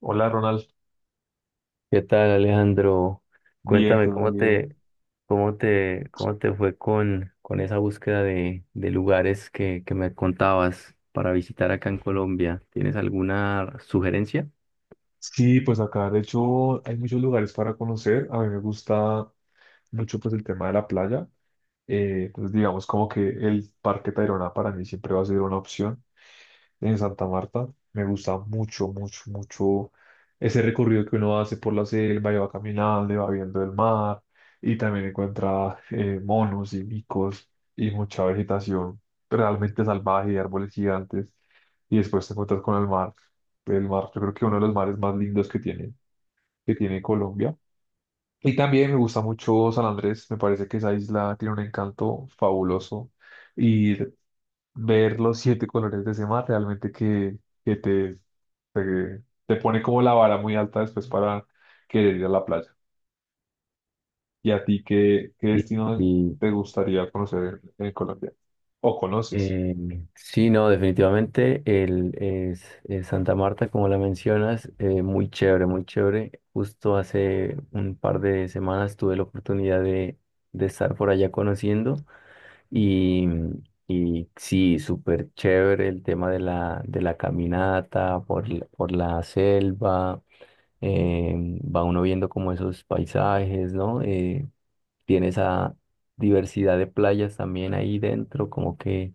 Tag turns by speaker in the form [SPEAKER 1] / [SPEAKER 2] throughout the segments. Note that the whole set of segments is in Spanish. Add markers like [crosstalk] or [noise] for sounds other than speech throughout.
[SPEAKER 1] Hola Ronald,
[SPEAKER 2] ¿Qué tal, Alejandro?
[SPEAKER 1] bien,
[SPEAKER 2] Cuéntame
[SPEAKER 1] todo
[SPEAKER 2] cómo
[SPEAKER 1] bien.
[SPEAKER 2] te, cómo te, cómo te fue con esa búsqueda de lugares que me contabas para visitar acá en Colombia. ¿Tienes alguna sugerencia?
[SPEAKER 1] Sí, pues acá de hecho hay muchos lugares para conocer. A mí me gusta mucho pues el tema de la playa. Pues digamos como que el Parque Tayrona para mí siempre va a ser una opción en Santa Marta. Me gusta mucho, mucho, mucho ese recorrido que uno hace por la selva y va caminando y va viendo el mar y también encuentra monos y micos y mucha vegetación realmente salvaje y árboles gigantes y después te encuentras con el mar. El mar, yo creo que uno de los mares más lindos que tiene Colombia. Y también me gusta mucho San Andrés, me parece que esa isla tiene un encanto fabuloso. Y ver los siete colores de ese mar realmente que, que te, te, te pone como la vara muy alta después para querer ir a la playa. ¿Y a ti qué
[SPEAKER 2] Sí,
[SPEAKER 1] destino
[SPEAKER 2] y,
[SPEAKER 1] te gustaría conocer en Colombia? ¿O conoces?
[SPEAKER 2] eh, sí, no, definitivamente es Santa Marta, como la mencionas, muy chévere, muy chévere. Justo hace un par de semanas tuve la oportunidad de estar por allá conociendo. Y, y sí, súper chévere el tema de de la caminata por la selva. eh, Va uno viendo como esos paisajes, ¿no? Tiene esa diversidad de playas también ahí dentro, como que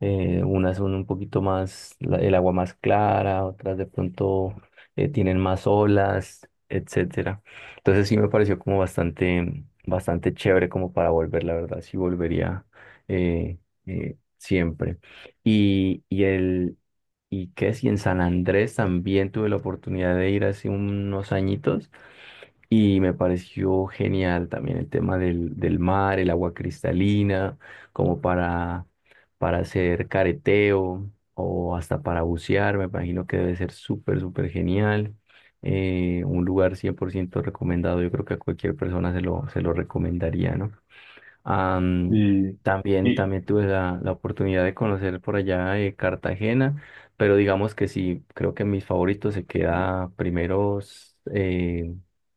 [SPEAKER 2] unas son un poquito más, el agua más clara, otras de pronto tienen más olas, etcétera. Entonces sí me pareció como bastante, bastante chévere como para volver, la verdad, sí volvería eh, siempre. Y, y el, y qué si en San Andrés también tuve la oportunidad de ir hace unos añitos. Y me pareció genial también el tema del mar, el agua cristalina, como para, para hacer careteo o hasta para bucear. Me imagino que debe ser súper, súper genial. Un lugar 100% recomendado. Yo creo que a cualquier persona se lo recomendaría, ¿no? Am,
[SPEAKER 1] Y,
[SPEAKER 2] También,
[SPEAKER 1] y
[SPEAKER 2] también tuve la oportunidad de conocer por allá Cartagena, pero digamos que sí, creo que mis favoritos se queda primeros,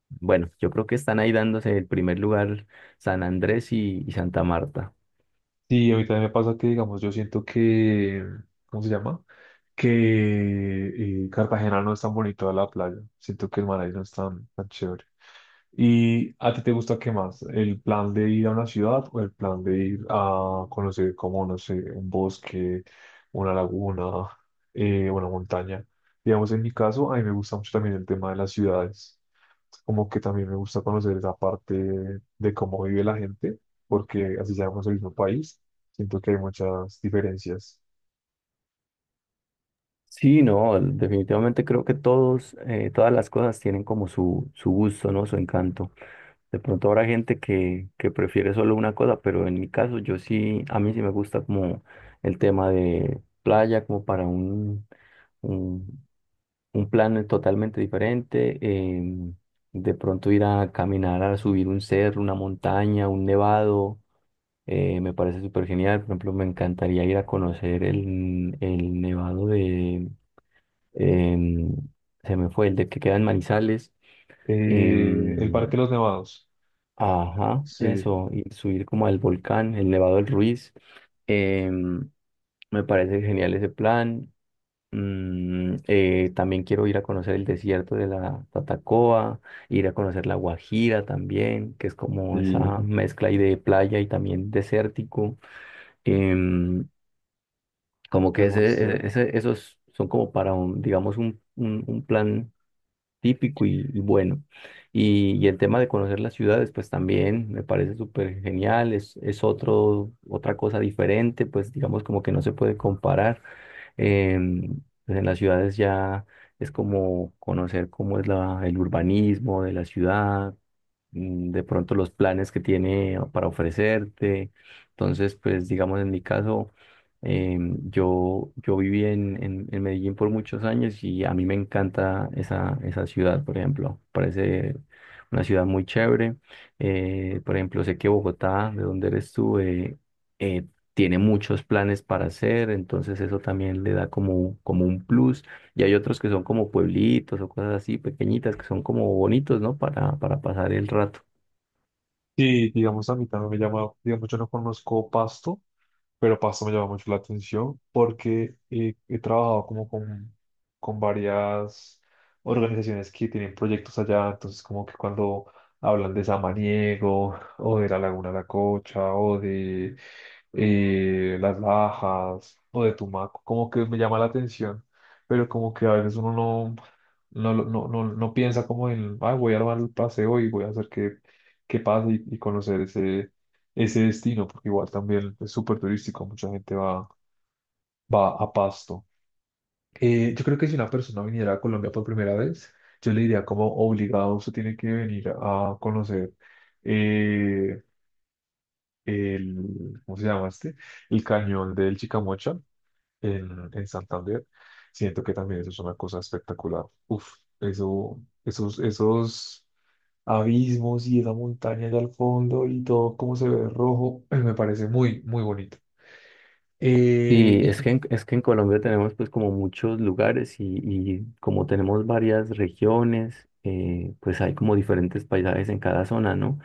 [SPEAKER 2] bueno, yo creo que están ahí dándose el primer lugar San Andrés y Santa Marta.
[SPEAKER 1] sí, a mí también me pasa que, digamos, yo siento que, ¿cómo se llama? Que Cartagena no es tan bonito a la playa. Siento que el mar ahí no es tan, tan chévere. ¿Y a ti te gusta qué más? ¿El plan de ir a una ciudad o el plan de ir a conocer como, no sé, un bosque, una laguna, una montaña? Digamos, en mi caso, a mí me gusta mucho también el tema de las ciudades. Como que también me gusta conocer esa parte de cómo vive la gente, porque así seamos el mismo país, siento que hay muchas diferencias.
[SPEAKER 2] Sí, no, definitivamente creo que todos, todas las cosas tienen como su gusto, ¿no? Su encanto. De pronto habrá gente que prefiere solo una cosa, pero en mi caso yo sí, a mí sí me gusta como el tema de playa, como para un, un plan totalmente diferente. De pronto ir a caminar, a subir un cerro, una montaña, un nevado, me parece súper genial. Por ejemplo, me encantaría ir a conocer el nevado de, em, se me fue, el de que queda en Manizales.
[SPEAKER 1] El
[SPEAKER 2] em,
[SPEAKER 1] Parque de los Nevados,
[SPEAKER 2] Ajá,
[SPEAKER 1] sí,
[SPEAKER 2] eso, y subir como al volcán, el Nevado del Ruiz. Em, Me parece genial ese plan. También quiero ir a conocer el desierto de la Tatacoa, ir a conocer la Guajira también, que es como esa
[SPEAKER 1] y
[SPEAKER 2] mezcla ahí de playa y también desértico. Em, Como que
[SPEAKER 1] es muy chévere.
[SPEAKER 2] esos son como para un, digamos, un plan típico y bueno. Y el tema de conocer las ciudades, pues también me parece súper genial, es otro, otra cosa diferente, pues digamos como que no se puede comparar. Em, pues en las ciudades ya es como conocer cómo es el urbanismo de la ciudad, de pronto los planes que tiene para ofrecerte. Entonces, pues digamos en mi caso, yo viví en Medellín por muchos años y a mí me encanta esa ciudad, por ejemplo. Parece una ciudad muy chévere. Por ejemplo, sé que Bogotá, de donde eres tú, eh, tiene muchos planes para hacer, entonces eso también le da como, como un plus. Y hay otros que son como pueblitos o cosas así pequeñitas que son como bonitos, ¿no? Para pasar el rato.
[SPEAKER 1] Y digamos, a mí también me llama, digamos, yo no conozco Pasto, pero Pasto me llama mucho la atención porque he trabajado como con varias organizaciones que tienen proyectos allá, entonces como que cuando hablan de Samaniego o de la Laguna La Cocha o de Las Lajas o de Tumaco, como que me llama la atención, pero como que a veces uno no, no piensa como en, ay, voy a armar el paseo y voy a hacer que qué pasa y conocer ese destino, porque igual también es súper turístico, mucha gente va a Pasto. Yo creo que si una persona viniera a Colombia por primera vez, yo le diría como obligado, usted tiene que venir a conocer eh, ¿cómo se llama este? El cañón del Chicamocha en Santander. Siento que también eso es una cosa espectacular. Uf, esos abismos y esa montaña allá al fondo y todo como se ve rojo, [clears throat] me parece muy, muy bonito.
[SPEAKER 2] Sí,
[SPEAKER 1] ¿Y qué?
[SPEAKER 2] es que en Colombia tenemos pues como muchos lugares y como tenemos varias regiones, pues hay como diferentes paisajes en cada zona, ¿no?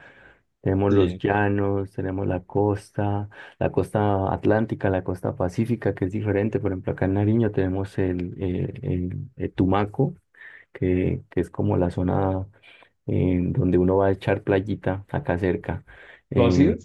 [SPEAKER 2] Tenemos los
[SPEAKER 1] Sí,
[SPEAKER 2] llanos, tenemos la costa atlántica, la costa pacífica, que es diferente. Por ejemplo, acá en Nariño tenemos el Tumaco, que es como la zona donde uno va a echar playita acá cerca.
[SPEAKER 1] ¿tú has ido?
[SPEAKER 2] Eh,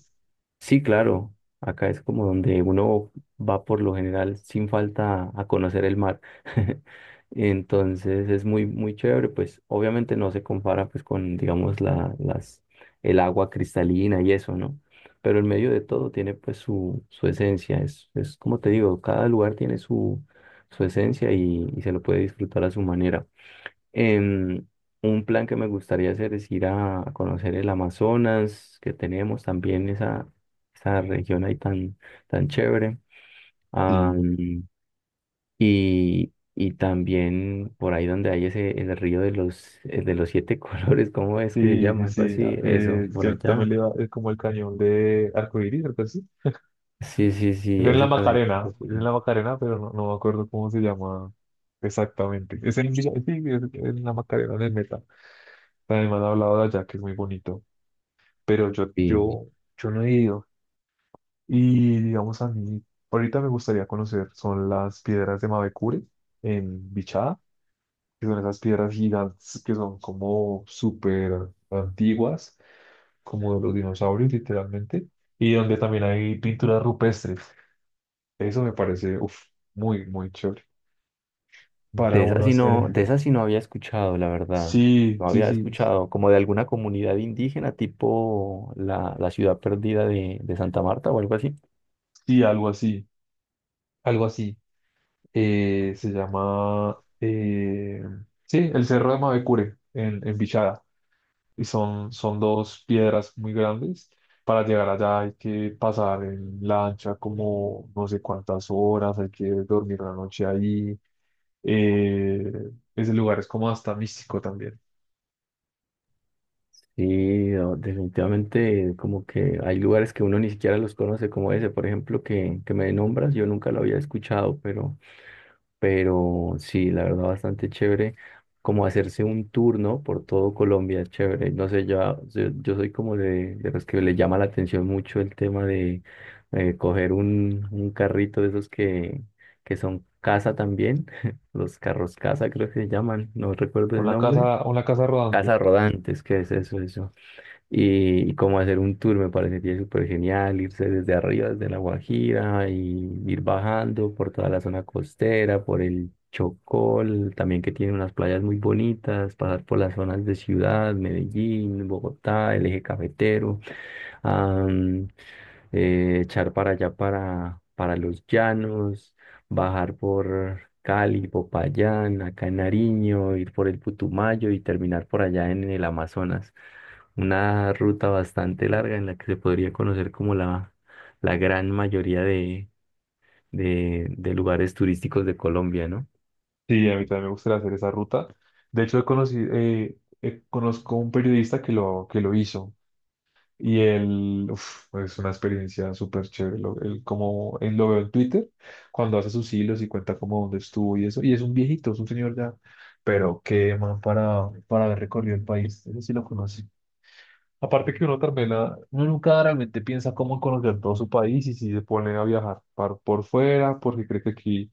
[SPEAKER 2] sí, claro, acá es como donde uno va por lo general sin falta a conocer el mar. [laughs] Entonces es muy, muy chévere, pues obviamente no se compara pues con, digamos, las, el agua cristalina y eso, ¿no? Pero en medio de todo tiene pues su esencia, es como te digo, cada lugar tiene su esencia y se lo puede disfrutar a su manera. Em, un plan que me gustaría hacer es ir a conocer el Amazonas, que tenemos también esa región ahí tan, tan chévere.
[SPEAKER 1] Sí,
[SPEAKER 2] Am, y, y también por ahí donde hay ese, el río de de los siete [laughs] colores, ¿cómo es que se
[SPEAKER 1] sí, sí,
[SPEAKER 2] llama? Algo
[SPEAKER 1] sí. Ah,
[SPEAKER 2] así, eso, por
[SPEAKER 1] yo también
[SPEAKER 2] allá.
[SPEAKER 1] le iba, es como el cañón de Arcoíris, algo así.
[SPEAKER 2] Sí, sí,
[SPEAKER 1] Es
[SPEAKER 2] sí,
[SPEAKER 1] en la
[SPEAKER 2] ese también es
[SPEAKER 1] Macarena,
[SPEAKER 2] muy
[SPEAKER 1] es
[SPEAKER 2] popular.
[SPEAKER 1] en la Macarena, pero no, no me acuerdo cómo se llama exactamente. Es en, sí, es en la Macarena, en el Meta. Además, han hablado de allá, que es muy bonito, pero
[SPEAKER 2] Sí.
[SPEAKER 1] yo no he ido. Y digamos a mí, ahorita me gustaría conocer, son las piedras de Mavecure en Bichada, que son esas piedras gigantes que son como súper antiguas, como de los dinosaurios literalmente, y donde también hay pinturas rupestres. Eso me parece, uf, muy, muy chévere. Para
[SPEAKER 2] De esa
[SPEAKER 1] uno
[SPEAKER 2] sí no,
[SPEAKER 1] hacer,
[SPEAKER 2] de esa sí no había escuchado, la verdad.
[SPEAKER 1] sí,
[SPEAKER 2] No
[SPEAKER 1] sí,
[SPEAKER 2] había
[SPEAKER 1] sí,
[SPEAKER 2] escuchado como de alguna comunidad indígena, tipo la ciudad perdida de Santa Marta o algo así.
[SPEAKER 1] sí, algo así, algo así. Eh, se llama, eh, sí, el Cerro de Mavecure en Bichada. Y son, son dos piedras muy grandes. Para llegar allá hay que pasar en lancha como no sé cuántas horas, hay que dormir la noche ahí. Eh, Ese lugar es como hasta místico también.
[SPEAKER 2] Sí, no, definitivamente como que hay lugares que uno ni siquiera los conoce, como ese, por ejemplo, que me nombras, yo nunca lo había escuchado, pero... Pero sí, la verdad, bastante chévere. Como hacerse un turno por todo Colombia, chévere. No sé, yo soy como de los que le llama la atención mucho el tema de coger un carrito de esos que son casa también. [laughs] Los carros casa, creo que se llaman. No recuerdo el nombre.
[SPEAKER 1] Con la casa rodante.
[SPEAKER 2] Casa rodantes, ¿qué es eso? Y, y como hacer un tour me parecería súper genial, irse desde arriba, desde La Guajira y ir bajando por toda la zona costera, por el Chocol, también que tiene unas playas muy bonitas, pasar por las zonas de ciudad, Medellín, Bogotá, el eje cafetero am, echar para allá para los llanos, bajar por Cali, Popayán, acá en Nariño, ir por el Putumayo y terminar por allá en el Amazonas. Una ruta bastante larga en la que se podría conocer como la gran mayoría de lugares turísticos de Colombia, ¿no?
[SPEAKER 1] Sí, a mí también me gustaría hacer esa ruta. De hecho, he conocido, conozco un periodista que lo hizo. Y él, uf, pues, es una experiencia súper chévere. Lo, él, como, él lo veo en Twitter, cuando hace sus hilos y cuenta como dónde estuvo y eso. Y es un viejito, es un señor ya. Pero qué man para haber recorrido el país. Ese sí lo conoce. Aparte que uno también, ah, uno nunca realmente piensa cómo conocer todo su país y si se pone a viajar por fuera, porque cree que aquí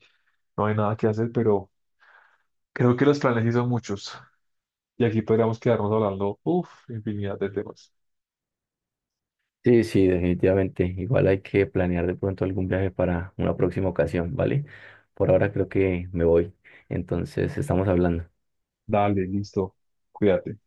[SPEAKER 1] no hay nada que hacer, pero creo que los planes sí son muchos. Y aquí podríamos quedarnos hablando, uf, infinidad de temas.
[SPEAKER 2] Sí, sí, definitivamente. Igual hay que planear de pronto algún viaje para una próxima ocasión, ¿vale? Por ahora creo que me voy. Entonces, estamos hablando.
[SPEAKER 1] Dale, listo. Cuídate.